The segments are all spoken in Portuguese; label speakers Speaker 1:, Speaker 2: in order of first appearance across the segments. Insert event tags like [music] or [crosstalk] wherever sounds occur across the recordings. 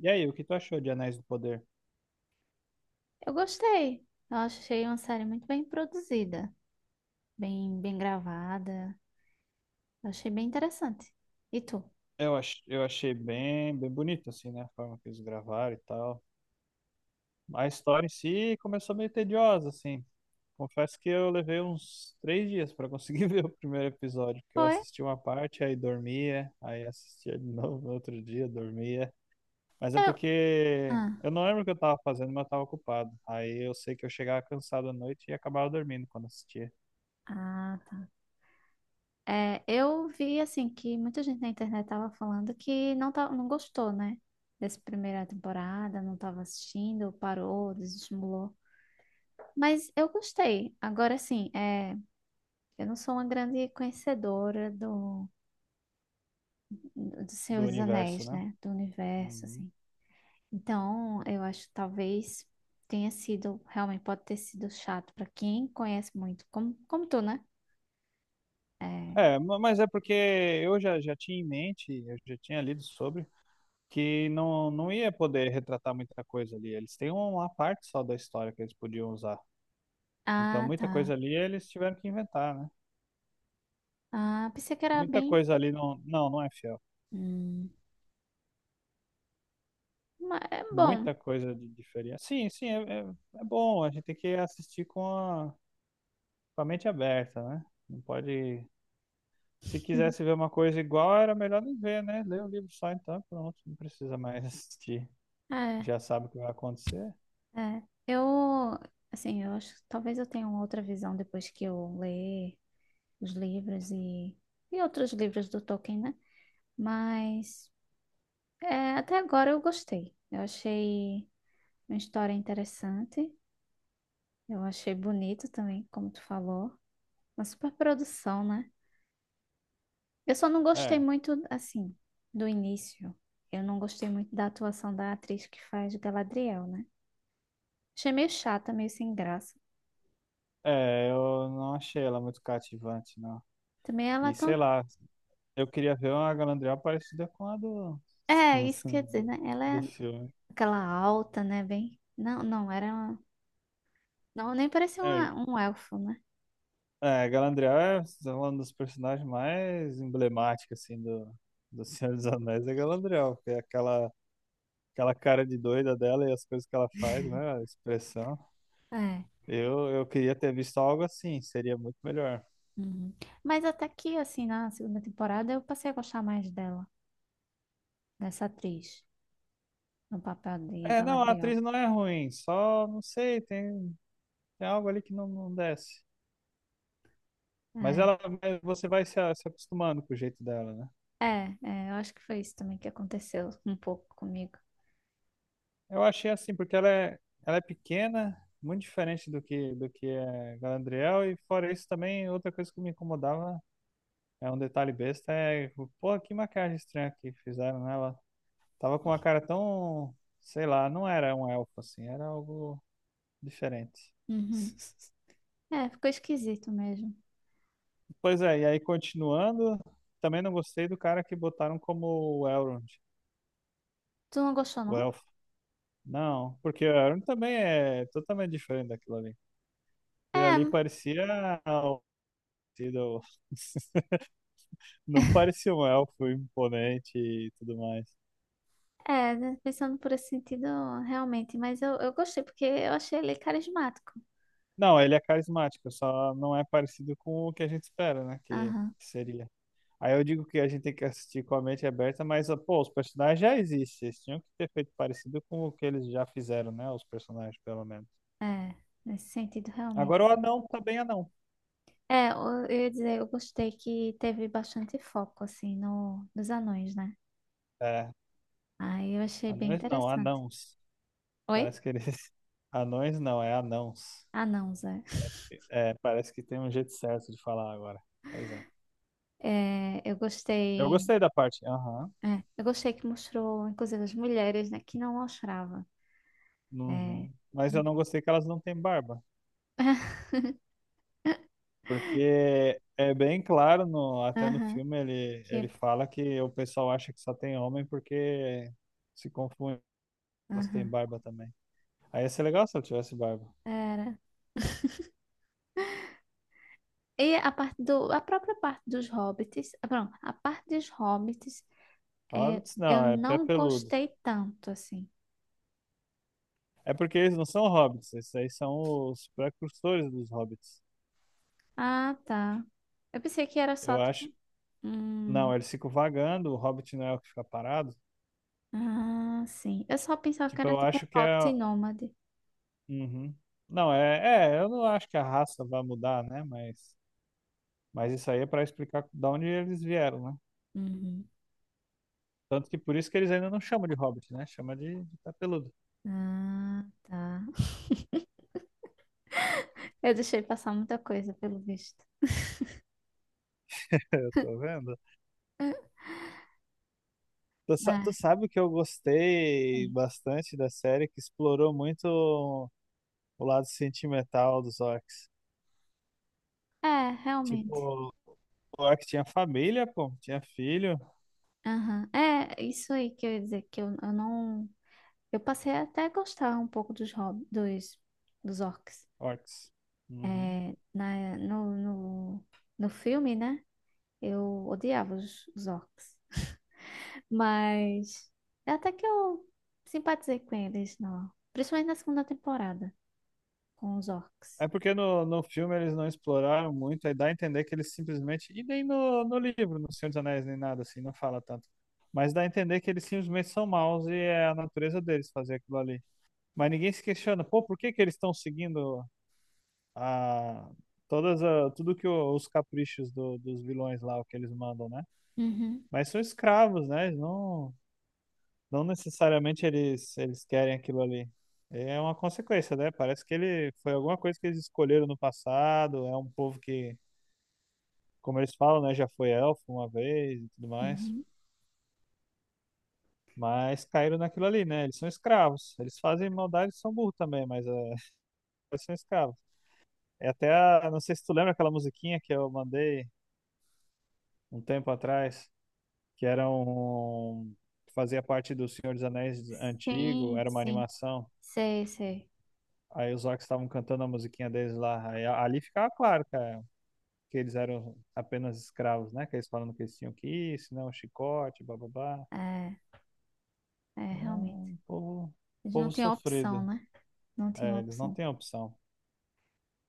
Speaker 1: E aí, o que tu achou de Anéis do Poder?
Speaker 2: Eu gostei. Eu achei uma série muito bem produzida, bem gravada. Eu achei bem interessante. E tu?
Speaker 1: Eu achei bem bonito, assim, né? A forma que eles gravaram e tal. A história em si começou meio tediosa, assim. Confesso que eu levei uns três dias pra conseguir [laughs] ver o primeiro episódio, porque eu
Speaker 2: Foi?
Speaker 1: assisti uma parte, aí dormia, aí assistia de [laughs] novo no outro dia, dormia. Mas é
Speaker 2: Eu-
Speaker 1: porque
Speaker 2: Ah,
Speaker 1: eu não lembro o que eu tava fazendo, mas eu tava ocupado. Aí eu sei que eu chegava cansado à noite e acabava dormindo quando assistia
Speaker 2: tá. É, eu vi assim que muita gente na internet tava falando que não tá, não gostou, né? Dessa primeira temporada, não tava assistindo, parou, desestimulou. Mas eu gostei. Agora assim, é, eu não sou uma grande conhecedora do Senhor
Speaker 1: do
Speaker 2: dos
Speaker 1: universo,
Speaker 2: Anéis,
Speaker 1: né?
Speaker 2: né? Do universo,
Speaker 1: Uhum.
Speaker 2: assim. Então, eu acho que talvez tenha sido, realmente pode ter sido chato pra quem conhece muito, como tu, né? É.
Speaker 1: Mas é porque já tinha em mente, eu já tinha lido sobre, que não ia poder retratar muita coisa ali. Eles têm uma parte só da história que eles podiam usar. Então,
Speaker 2: Ah,
Speaker 1: muita
Speaker 2: tá.
Speaker 1: coisa ali eles tiveram que inventar, né?
Speaker 2: Ah, pensei que era
Speaker 1: Muita
Speaker 2: bem.
Speaker 1: coisa ali não é fiel.
Speaker 2: Hum, mas é bom.
Speaker 1: Muita coisa de diferença. Sim, é bom. A gente tem que assistir com a mente aberta, né? Não pode. Se quisesse
Speaker 2: [laughs]
Speaker 1: ver uma coisa igual, era melhor nem ver, né? Lê o livro só então, e pronto, não precisa mais [laughs] assistir.
Speaker 2: É,
Speaker 1: Já sabe o que vai acontecer.
Speaker 2: é. Eu, assim, eu acho que talvez eu tenha uma outra visão depois que eu ler os livros e outros livros do Tolkien, né? Mas é, até agora eu gostei. Eu achei uma história interessante. Eu achei bonito também, como tu falou. Uma super produção, né? Eu só não gostei
Speaker 1: É,
Speaker 2: muito, assim, do início. Eu não gostei muito da atuação da atriz que faz Galadriel, né? Achei meio chata, meio sem graça.
Speaker 1: é, eu não achei ela muito cativante, não.
Speaker 2: Também ela é
Speaker 1: E
Speaker 2: tão.
Speaker 1: sei lá, eu queria ver uma Galadriel parecida com
Speaker 2: É,
Speaker 1: [laughs]
Speaker 2: isso quer dizer,
Speaker 1: do,
Speaker 2: né? Ela
Speaker 1: do
Speaker 2: é
Speaker 1: filme.
Speaker 2: aquela alta, né? Bem. Não, era. Não, nem parecia
Speaker 1: É,
Speaker 2: um elfo, né?
Speaker 1: Galadriel é um dos personagens mais emblemáticos, assim, do Senhor dos Anéis, é Galadriel, porque é aquela cara de doida dela e as coisas que ela faz, né, a expressão.
Speaker 2: É.
Speaker 1: Eu queria ter visto algo assim, seria muito melhor.
Speaker 2: Uhum. Mas até que, assim, na segunda temporada, eu passei a gostar mais dela, dessa atriz, no papel de
Speaker 1: É, não, a
Speaker 2: Galadriel.
Speaker 1: atriz não é ruim, só, não sei, tem algo ali que não desce. Mas
Speaker 2: É.
Speaker 1: ela, mas você vai se, se acostumando com o jeito dela, né?
Speaker 2: É, é, eu acho que foi isso também que aconteceu um pouco comigo.
Speaker 1: Eu achei assim, porque ela é pequena, muito diferente do que é Galadriel, e fora isso também, outra coisa que me incomodava, é um detalhe besta, é, pô, que maquiagem estranha que fizeram nela. Tava com uma cara tão, sei lá, não era um elfo assim, era algo diferente.
Speaker 2: Uhum. É, ficou esquisito mesmo.
Speaker 1: Pois é, e aí continuando, também não gostei do cara que botaram como o Elrond,
Speaker 2: Tu não gostou,
Speaker 1: o
Speaker 2: não?
Speaker 1: elfo. Não, porque o Arun também é totalmente diferente daquilo ali. Ele
Speaker 2: É,
Speaker 1: ali parecia um- sido- [laughs] não
Speaker 2: [laughs]
Speaker 1: parecia um elfo imponente e tudo mais.
Speaker 2: é, né, pensando por esse sentido, realmente, mas eu gostei porque eu achei ele carismático.
Speaker 1: Não, ele é carismático, só não é parecido com o que a gente espera, né? Que
Speaker 2: Aham,
Speaker 1: seria. Aí eu digo que a gente tem que assistir com a mente aberta, mas, pô, os personagens já existem. Eles tinham que ter feito parecido com o que eles já fizeram, né? Os personagens, pelo menos.
Speaker 2: é, nesse sentido, realmente.
Speaker 1: Agora o anão tá bem anão.
Speaker 2: É, eu ia dizer, eu gostei que teve bastante foco, assim, no, nos anões, né?
Speaker 1: É,
Speaker 2: Aí eu achei bem
Speaker 1: anões não,
Speaker 2: interessante.
Speaker 1: anãos.
Speaker 2: Oi?
Speaker 1: Parece que eles. [laughs] Anões não, é anãos.
Speaker 2: Anãos, é.
Speaker 1: É, parece que tem um jeito certo de falar agora. Pois é.
Speaker 2: É, eu
Speaker 1: Eu
Speaker 2: gostei.
Speaker 1: gostei da parte. Aham.
Speaker 2: É, eu gostei que mostrou, inclusive, as mulheres, né, que não mostrava. É.
Speaker 1: Uhum. Mas eu
Speaker 2: E-
Speaker 1: não gostei que elas não têm barba.
Speaker 2: [laughs]
Speaker 1: Porque é bem claro, no, até no
Speaker 2: Aham,
Speaker 1: filme
Speaker 2: que,
Speaker 1: ele fala que o pessoal acha que só tem homem porque se confunde, elas têm
Speaker 2: aham,
Speaker 1: barba também. Aí ia ser legal se eu tivesse barba.
Speaker 2: era. E a parte do, a própria parte dos hobbits, ah, pronto, a parte dos hobbits, é,
Speaker 1: Hobbits
Speaker 2: eu
Speaker 1: não, é pé
Speaker 2: não
Speaker 1: peludo.
Speaker 2: gostei tanto, assim.
Speaker 1: É porque eles não são hobbits, esses aí são os precursores dos hobbits.
Speaker 2: Ah, tá. Eu pensei que era só,
Speaker 1: Eu acho.
Speaker 2: tipo,
Speaker 1: Não,
Speaker 2: hum,
Speaker 1: eles ficam vagando, o hobbit não é o que fica parado.
Speaker 2: ah, sim. Eu só pensava que
Speaker 1: Tipo,
Speaker 2: era,
Speaker 1: eu
Speaker 2: tipo, um
Speaker 1: acho que é.
Speaker 2: hobbit nômade.
Speaker 1: Uhum. Não, eu não acho que a raça vai mudar, né? Mas isso aí é para explicar de onde eles vieram, né?
Speaker 2: Uhum.
Speaker 1: Tanto que por isso que eles ainda não chamam de hobbit, né? Chama de capeludo.
Speaker 2: Ah, tá. [laughs] Eu deixei passar muita coisa, pelo visto.
Speaker 1: [laughs] Eu tô vendo. Tu
Speaker 2: Mas,
Speaker 1: sabe que eu gostei
Speaker 2: sim.
Speaker 1: bastante da série que explorou muito o lado sentimental dos orcs.
Speaker 2: É, realmente.
Speaker 1: Tipo, o orc tinha família, pô, tinha filho,
Speaker 2: Aham. É, isso aí que eu ia dizer, que eu não. Eu passei até a gostar um pouco dos dos orcs.
Speaker 1: orcs. Uhum.
Speaker 2: É, no filme, né? Eu odiava os orcs. Mas é até que eu simpatizei com eles, não. Principalmente na segunda temporada, com os orcs.
Speaker 1: É porque no filme eles não exploraram muito, aí dá a entender que eles simplesmente. E nem no livro, no Senhor dos Anéis, nem nada assim, não fala tanto. Mas dá a entender que eles simplesmente são maus e é a natureza deles fazer aquilo ali. Mas ninguém se questiona, pô, por que que eles estão seguindo a, tudo que os caprichos dos vilões lá, o que eles mandam, né?
Speaker 2: Uhum.
Speaker 1: Mas são escravos, né? Eles não, não necessariamente eles querem aquilo ali. É uma consequência, né? Parece que ele foi alguma coisa que eles escolheram no passado. É um povo que, como eles falam, né? Já foi elfo uma vez e tudo mais.
Speaker 2: Uhum.
Speaker 1: Mas caíram naquilo ali, né? Eles são escravos. Eles fazem maldade e são burros também, mas é, eles são escravos. É até a, não sei se tu lembra aquela musiquinha que eu mandei um tempo atrás, que era fazia parte do Senhor dos Anéis antigo,
Speaker 2: Sim,
Speaker 1: era uma
Speaker 2: sim.
Speaker 1: animação.
Speaker 2: Sei, sei.
Speaker 1: Aí os orcs estavam cantando a musiquinha deles lá. Aí, ali ficava claro, cara, que eles eram apenas escravos, né? Que eles falando que eles tinham que ir, senão o chicote, bababá.
Speaker 2: É, é,
Speaker 1: É
Speaker 2: realmente.
Speaker 1: um
Speaker 2: Eles não
Speaker 1: povo
Speaker 2: tinham opção,
Speaker 1: sofrido.
Speaker 2: né? Não tinham
Speaker 1: É, eles não
Speaker 2: opção.
Speaker 1: têm opção.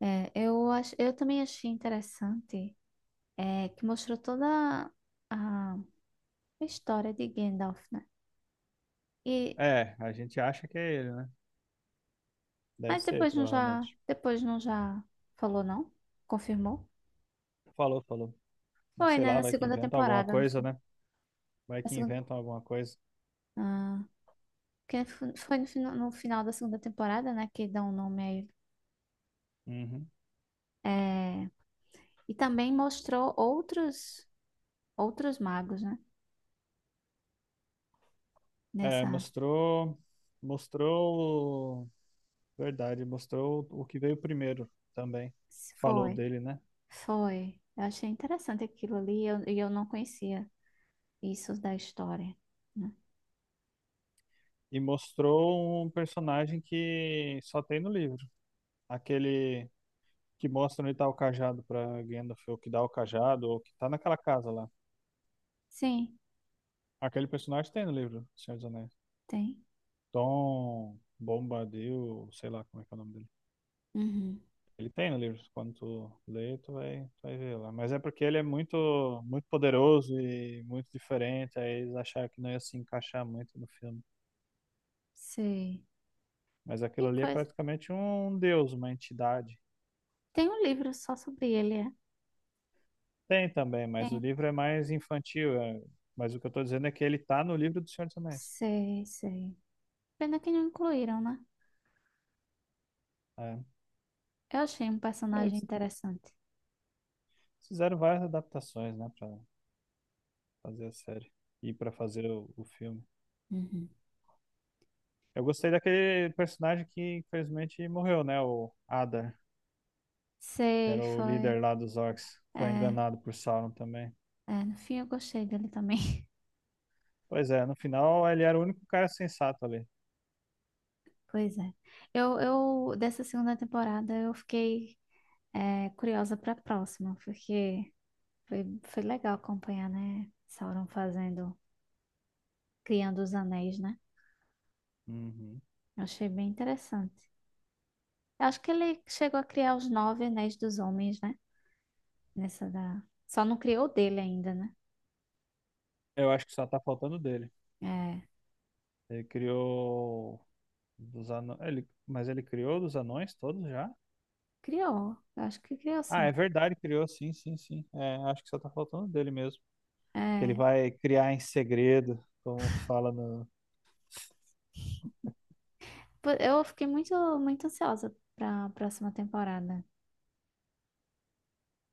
Speaker 2: É, eu acho, eu também achei interessante, é, que mostrou toda a história de Gandalf, né? E,
Speaker 1: É, a gente acha que é ele, né? Deve
Speaker 2: mas
Speaker 1: ser, provavelmente.
Speaker 2: depois não já falou, não? Confirmou?
Speaker 1: Falou, falou. Mas
Speaker 2: Foi,
Speaker 1: sei
Speaker 2: né?
Speaker 1: lá,
Speaker 2: Na
Speaker 1: vai que
Speaker 2: segunda
Speaker 1: inventam alguma
Speaker 2: temporada, não
Speaker 1: coisa,
Speaker 2: foi?
Speaker 1: né? Vai
Speaker 2: Na
Speaker 1: que
Speaker 2: segunda,
Speaker 1: inventam alguma coisa.
Speaker 2: ah, que foi no final da segunda temporada, né? Que dá um nome a ele.
Speaker 1: Uhum.
Speaker 2: É, e também mostrou outros magos, né?
Speaker 1: É,
Speaker 2: Nessa,
Speaker 1: mostrou. Mostrou. Verdade, mostrou o que veio primeiro também. Falou
Speaker 2: foi,
Speaker 1: dele, né?
Speaker 2: foi. Eu achei interessante aquilo ali e e eu não conhecia. Isso da história, né?
Speaker 1: E mostrou um personagem que só tem no livro. Aquele que mostra onde tá o cajado pra Gandalf, ou que dá o cajado, ou que tá naquela casa lá.
Speaker 2: Sim,
Speaker 1: Aquele personagem tem no livro, Senhor dos Anéis.
Speaker 2: tem.
Speaker 1: Tom Bombadil, sei lá como é que é o nome dele.
Speaker 2: Uhum.
Speaker 1: Ele tem no livro, quando tu lê, tu vai ver lá. Mas é porque ele é muito, muito poderoso e muito diferente, aí eles acharam que não ia se encaixar muito no filme.
Speaker 2: Sei.
Speaker 1: Mas
Speaker 2: Que
Speaker 1: aquilo ali é
Speaker 2: coisa.
Speaker 1: praticamente um deus, uma entidade.
Speaker 2: Tem um livro só sobre ele, é?
Speaker 1: Tem também, mas o
Speaker 2: Tem.
Speaker 1: livro é mais infantil. É. Mas o que eu estou dizendo é que ele tá no livro do Senhor dos Anéis.
Speaker 2: Sei, sei. Pena que não incluíram, né?
Speaker 1: É.
Speaker 2: Eu achei um personagem
Speaker 1: Eles
Speaker 2: interessante.
Speaker 1: fizeram várias adaptações, né, para fazer a série e para fazer o filme.
Speaker 2: Uhum.
Speaker 1: Eu gostei daquele personagem que infelizmente morreu, né, o Adar, que
Speaker 2: Sei,
Speaker 1: era o
Speaker 2: foi.
Speaker 1: líder lá dos orcs. Foi
Speaker 2: É,
Speaker 1: enganado por Sauron também.
Speaker 2: é, no fim eu gostei dele também. [laughs]
Speaker 1: Pois é, no final ele era o único cara sensato ali.
Speaker 2: Pois é. Eu dessa segunda temporada eu fiquei é, curiosa pra próxima, porque foi, foi legal acompanhar, né? Sauron fazendo, criando os anéis, né?
Speaker 1: Uhum.
Speaker 2: Eu achei bem interessante. Eu acho que ele chegou a criar os nove anéis dos homens, né? Nessa da... Só não criou o dele ainda, né?
Speaker 1: Eu acho que só tá faltando dele.
Speaker 2: É,
Speaker 1: Ele criou dos anões, ele... mas ele criou dos anões todos já?
Speaker 2: criou. Eu acho que criou
Speaker 1: Ah, é
Speaker 2: sim.
Speaker 1: verdade, criou, sim. É, acho que só tá faltando dele mesmo. Que ele
Speaker 2: É,
Speaker 1: vai criar em segredo, como fala no.
Speaker 2: pô, eu fiquei muito, muito ansiosa para a próxima temporada.